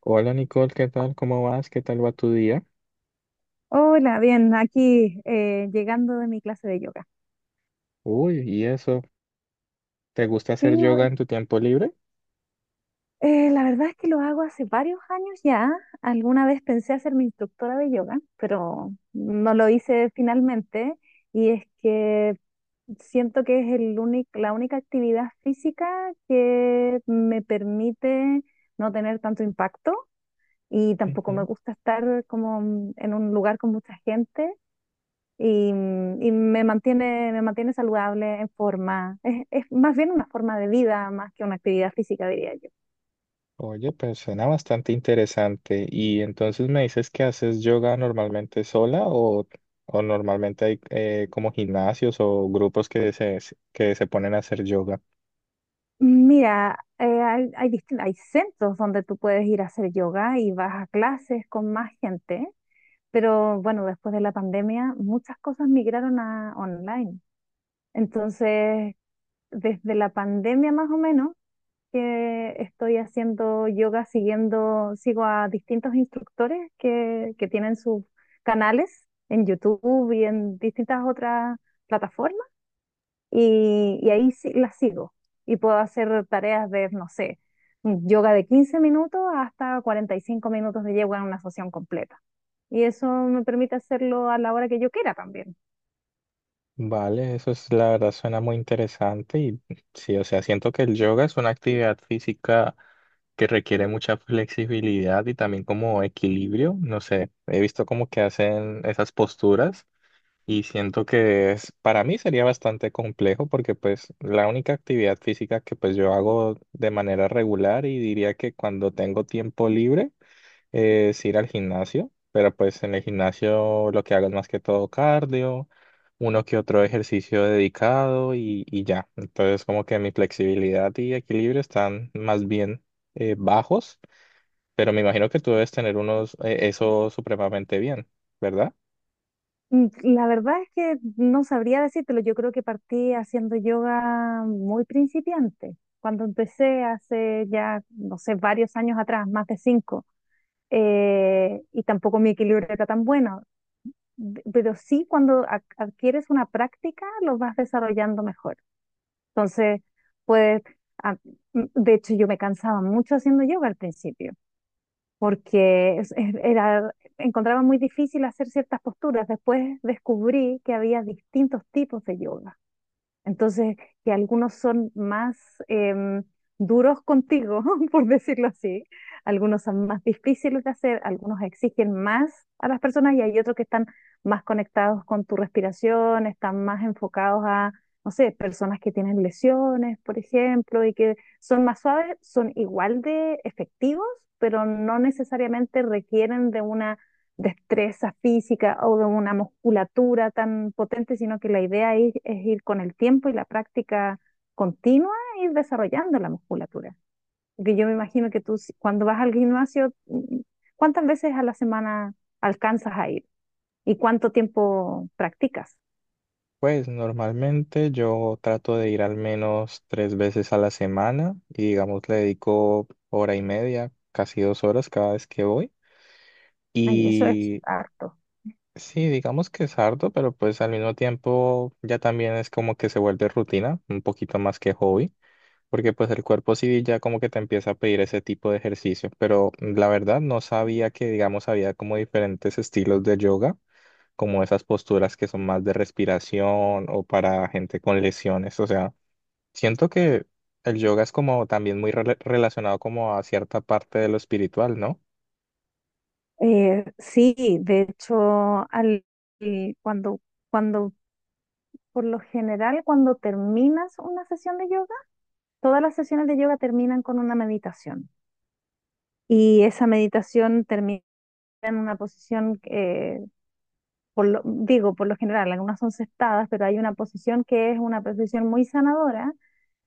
Hola Nicole, ¿qué tal? ¿Cómo vas? ¿Qué tal va tu día? Hola, bien, aquí llegando de mi clase de yoga. Uy, ¿y eso? ¿Te gusta Sí, hacer yoga bueno, en tu tiempo libre? La verdad es que lo hago hace varios años ya. Alguna vez pensé hacer mi instructora de yoga, pero no lo hice finalmente. Y es que siento que es la única actividad física que me permite no tener tanto impacto y tampoco me Ujú. gusta estar como en un lugar con mucha gente. Y me mantiene saludable, en forma. Es más bien una forma de vida más que una actividad física, diría yo. Oye, pues suena bastante interesante. ¿Y entonces me dices que haces yoga normalmente sola o normalmente hay como gimnasios o grupos que se ponen a hacer yoga? Mira, hay centros donde tú puedes ir a hacer yoga y vas a clases con más gente, pero bueno, después de la pandemia muchas cosas migraron a online. Entonces, desde la pandemia más o menos, que estoy haciendo yoga sigo a distintos instructores que tienen sus canales en YouTube y en distintas otras plataformas y ahí sí, las sigo y puedo hacer tareas de, no sé, yoga de 15 minutos hasta 45 minutos de yoga en una sesión completa. Y eso me permite hacerlo a la hora que yo quiera también. Vale, eso es la verdad suena muy interesante y sí, o sea, siento que el yoga es una actividad física que requiere mucha flexibilidad y también como equilibrio. No sé, he visto como que hacen esas posturas y siento que es, para mí sería bastante complejo porque pues la única actividad física que pues yo hago de manera regular y diría que cuando tengo tiempo libre es ir al gimnasio, pero pues en el gimnasio lo que hago es más que todo cardio, uno que otro ejercicio dedicado y ya. Entonces como que mi flexibilidad y equilibrio están más bien bajos, pero me imagino que tú debes tener unos, eso supremamente bien, ¿verdad? Mm, la verdad es que no sabría decírtelo. Yo creo que partí haciendo yoga muy principiante. Cuando empecé hace ya, no sé, varios años atrás, más de cinco, y tampoco mi equilibrio era tan bueno. Pero sí, cuando adquieres una práctica, lo vas desarrollando mejor. Entonces, puedes, ah, de hecho, yo me cansaba mucho haciendo yoga al principio porque era, encontraba muy difícil hacer ciertas posturas. Después descubrí que había distintos tipos de yoga. Entonces, que algunos son más em, duros contigo, por decirlo así, algunos son más difíciles de hacer, algunos exigen más a las personas y hay otros que están más conectados con tu respiración, están más enfocados a, no sé, personas que tienen lesiones, por ejemplo, y que son más suaves, son igual de efectivos, pero no necesariamente requieren de una destreza física o de una musculatura tan potente, sino que la idea es ir con el tiempo y la práctica continua, ir desarrollando la musculatura. Porque yo me imagino que tú si- cuando vas al gimnasio, ¿cuántas veces a la semana alcanzas a ir? ¿Y cuánto tiempo practicas? Pues normalmente yo trato de ir al menos tres veces a la semana y digamos le dedico hora y media, casi 2 horas cada vez que voy. Ay, eso es Y harto. Sí, digamos que es harto, pero pues al mismo tiempo ya también es como que se vuelve rutina, un poquito más que hobby, porque pues el cuerpo sí ya como que te empieza a pedir ese tipo de ejercicio, pero la verdad no sabía que digamos había como diferentes estilos de yoga, como esas posturas que son más de respiración o para gente con lesiones, o sea, siento que el yoga es como también muy relacionado como a cierta parte de lo espiritual, ¿no? Sí, de hecho, al, y cuando, cuando, por lo general, cuando terminas una sesión de yoga, todas las sesiones de yoga terminan con una meditación y esa meditación termina en una posición, digo, por lo general, algunas son sentadas, pero hay una posición que es una posición muy sanadora,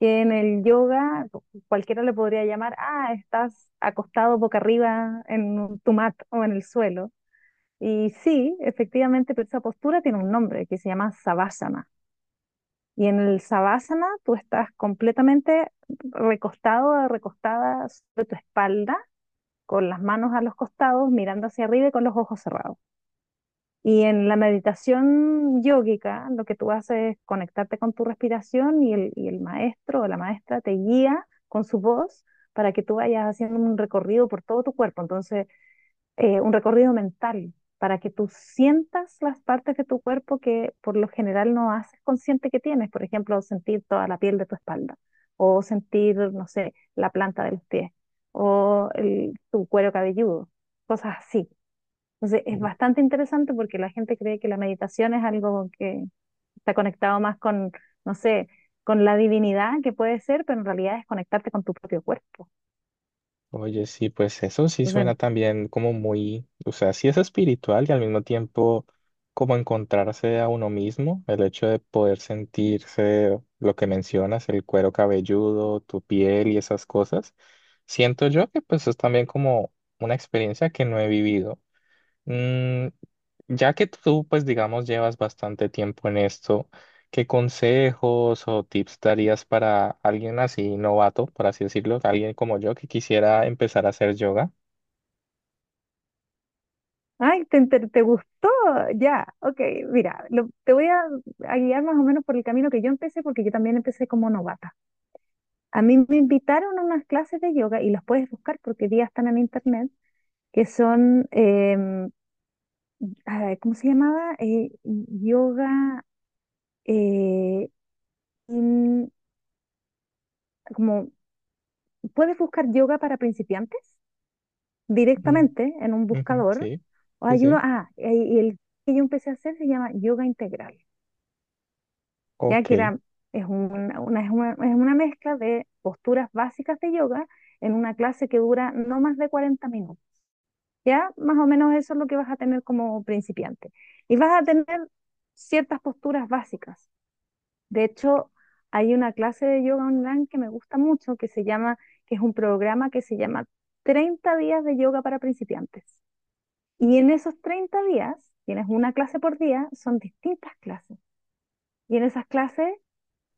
que en el yoga cualquiera le podría llamar, ah, estás acostado boca arriba en tu mat o en el suelo. Y sí, efectivamente, pero esa postura tiene un nombre que se llama savasana. Y en el savasana tú estás completamente recostado o recostada sobre tu espalda con las manos a los costados, mirando hacia arriba y con los ojos cerrados. Y en la meditación yógica, lo que tú haces es conectarte con tu respiración y y el maestro o la maestra te guía con su voz para que tú vayas haciendo un recorrido por todo tu cuerpo. Entonces, un recorrido mental para que tú sientas las partes de tu cuerpo que por lo general no haces consciente que tienes. Por ejemplo, sentir toda la piel de tu espalda o sentir, no sé, la planta de los pies o tu cuero cabelludo, cosas así. Entonces, es bastante interesante porque la gente cree que la meditación es algo que está conectado más con, no sé, con la divinidad que puede ser, pero en realidad es conectarte con tu propio cuerpo. Oye, sí, pues eso sí suena Entonces, también como muy, o sea, sí es espiritual y al mismo tiempo como encontrarse a uno mismo, el hecho de poder sentirse lo que mencionas, el cuero cabelludo, tu piel y esas cosas. Siento yo que pues es también como una experiencia que no he vivido. Mm, ya que tú, pues digamos, llevas bastante tiempo en esto, ¿qué consejos o tips darías para alguien así novato, por así decirlo, alguien como yo que quisiera empezar a hacer yoga? Ay, te gustó. Ya, ok, mira, te voy a guiar más o menos por el camino que yo empecé, porque yo también empecé como novata. A mí me invitaron a unas clases de yoga y las puedes buscar porque hoy día están en internet, que son, ¿cómo se llamaba? Eh, in- como, puedes buscar yoga para principiantes Mm, directamente en un ujú, buscador. sí, O sí, hay uno, sí. Y el que yo empecé a hacer se llama yoga integral. Ya Ok, que es es es una mezcla de posturas básicas de yoga en una clase que dura no más de 40 minutos. Ya más o menos eso es lo que vas a tener como principiante. Y vas a tener ciertas posturas básicas. De hecho, hay una clase de yoga online que me gusta mucho, que es un programa que se llama 30 días de yoga para principiantes. Y en esos 30 días, tienes una clase por día, son distintas clases. Y en esas clases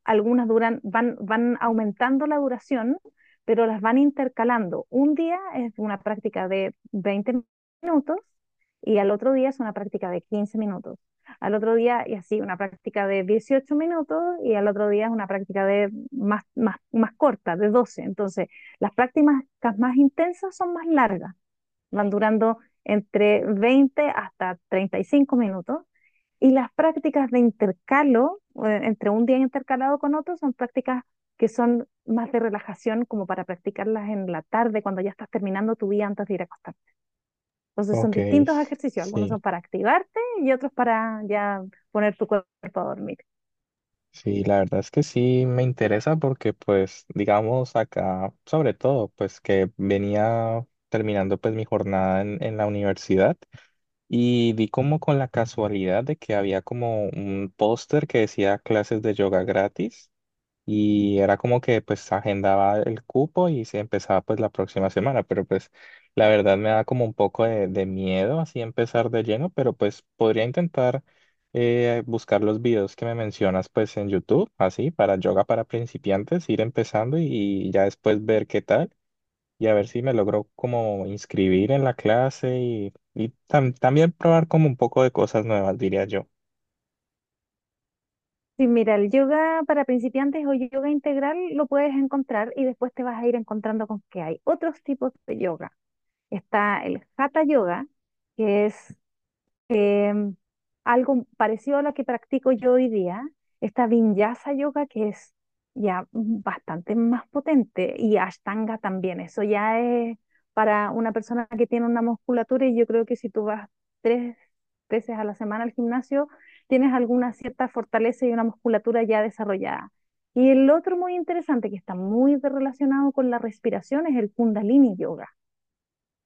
algunas van aumentando la duración, pero las van intercalando. Un día es una práctica de 20 minutos y al otro día es una práctica de 15 minutos. Al otro día, y así, una práctica de 18 minutos y al otro día es una práctica de más corta, de 12. Entonces, las prácticas más intensas son más largas, van durando entre 20 hasta 35 minutos y las prácticas de intercalo, entre un día intercalado con otro, son prácticas que son más de relajación, como para practicarlas en la tarde, cuando ya estás terminando tu día antes de ir a acostar. Entonces son ok, distintos ejercicios, algunos son sí, para activarte y otros para ya poner tu cuerpo a dormir. sí, la verdad es que sí me interesa porque pues digamos acá, sobre todo, pues que venía terminando pues mi jornada en la universidad. Y vi como con la casualidad de que había como un póster que decía clases de yoga gratis y era como que pues agendaba el cupo y se empezaba pues la próxima semana, pero pues la verdad me da como un poco de miedo así empezar de lleno, pero pues podría intentar buscar los videos que me mencionas pues en YouTube, así para yoga para principiantes, ir empezando y ya después ver qué tal y a ver si me logro como inscribir en la clase y, también probar como un poco de cosas nuevas, diría yo. Sí, mira, el yoga para principiantes o yoga integral lo puedes encontrar y después te vas a ir encontrando con que hay otros tipos de yoga. Está el hatha yoga, que es em, algo parecido a lo que practico yo hoy día, esta Vinyasa Yoga que es ya bastante más potente y Ashtanga también, eso ya es para una persona que tiene una musculatura y yo creo que si tú vas tres veces a la semana al gimnasio, tienes alguna cierta fortaleza y una musculatura ya desarrollada. Y el otro muy interesante que está muy relacionado con la respiración es el Kundalini Yoga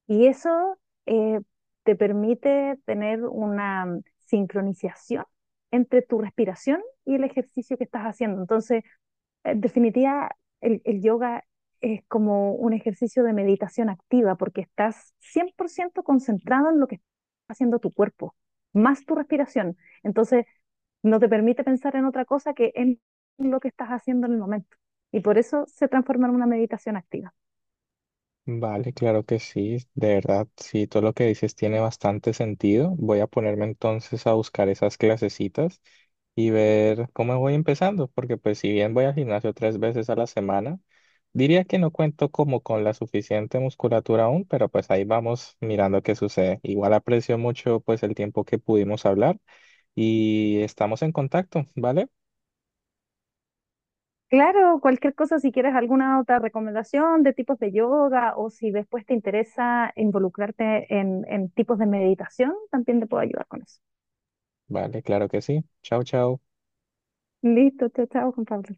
y eso, eh, te permite tener una sincronización entre tu respiración y el ejercicio que estás haciendo. Entonces, en definitiva, el yoga es como un ejercicio de meditación activa porque estás 100% concentrado en lo que está haciendo tu cuerpo, más tu respiración. Entonces, no te permite pensar en otra cosa que en lo que estás haciendo en el momento. Y por eso se transforma en una meditación activa. Vale, claro que sí, de verdad, sí, todo lo que dices tiene bastante sentido. Voy a ponerme entonces a buscar esas clasecitas y ver cómo voy empezando, porque pues si bien voy al gimnasio tres veces a la semana, diría que no cuento como con la suficiente musculatura aún, pero pues ahí vamos mirando qué sucede. Igual aprecio mucho pues el tiempo que pudimos hablar. Y estamos en contacto, ¿vale? Claro, cualquier cosa, si quieres alguna otra recomendación de tipos de yoga o si después te interesa involucrarte en tipos de meditación, también te puedo ayudar con eso. Vale, claro que sí. Chao, chao. Listo, chao, chao, Juan Pablo.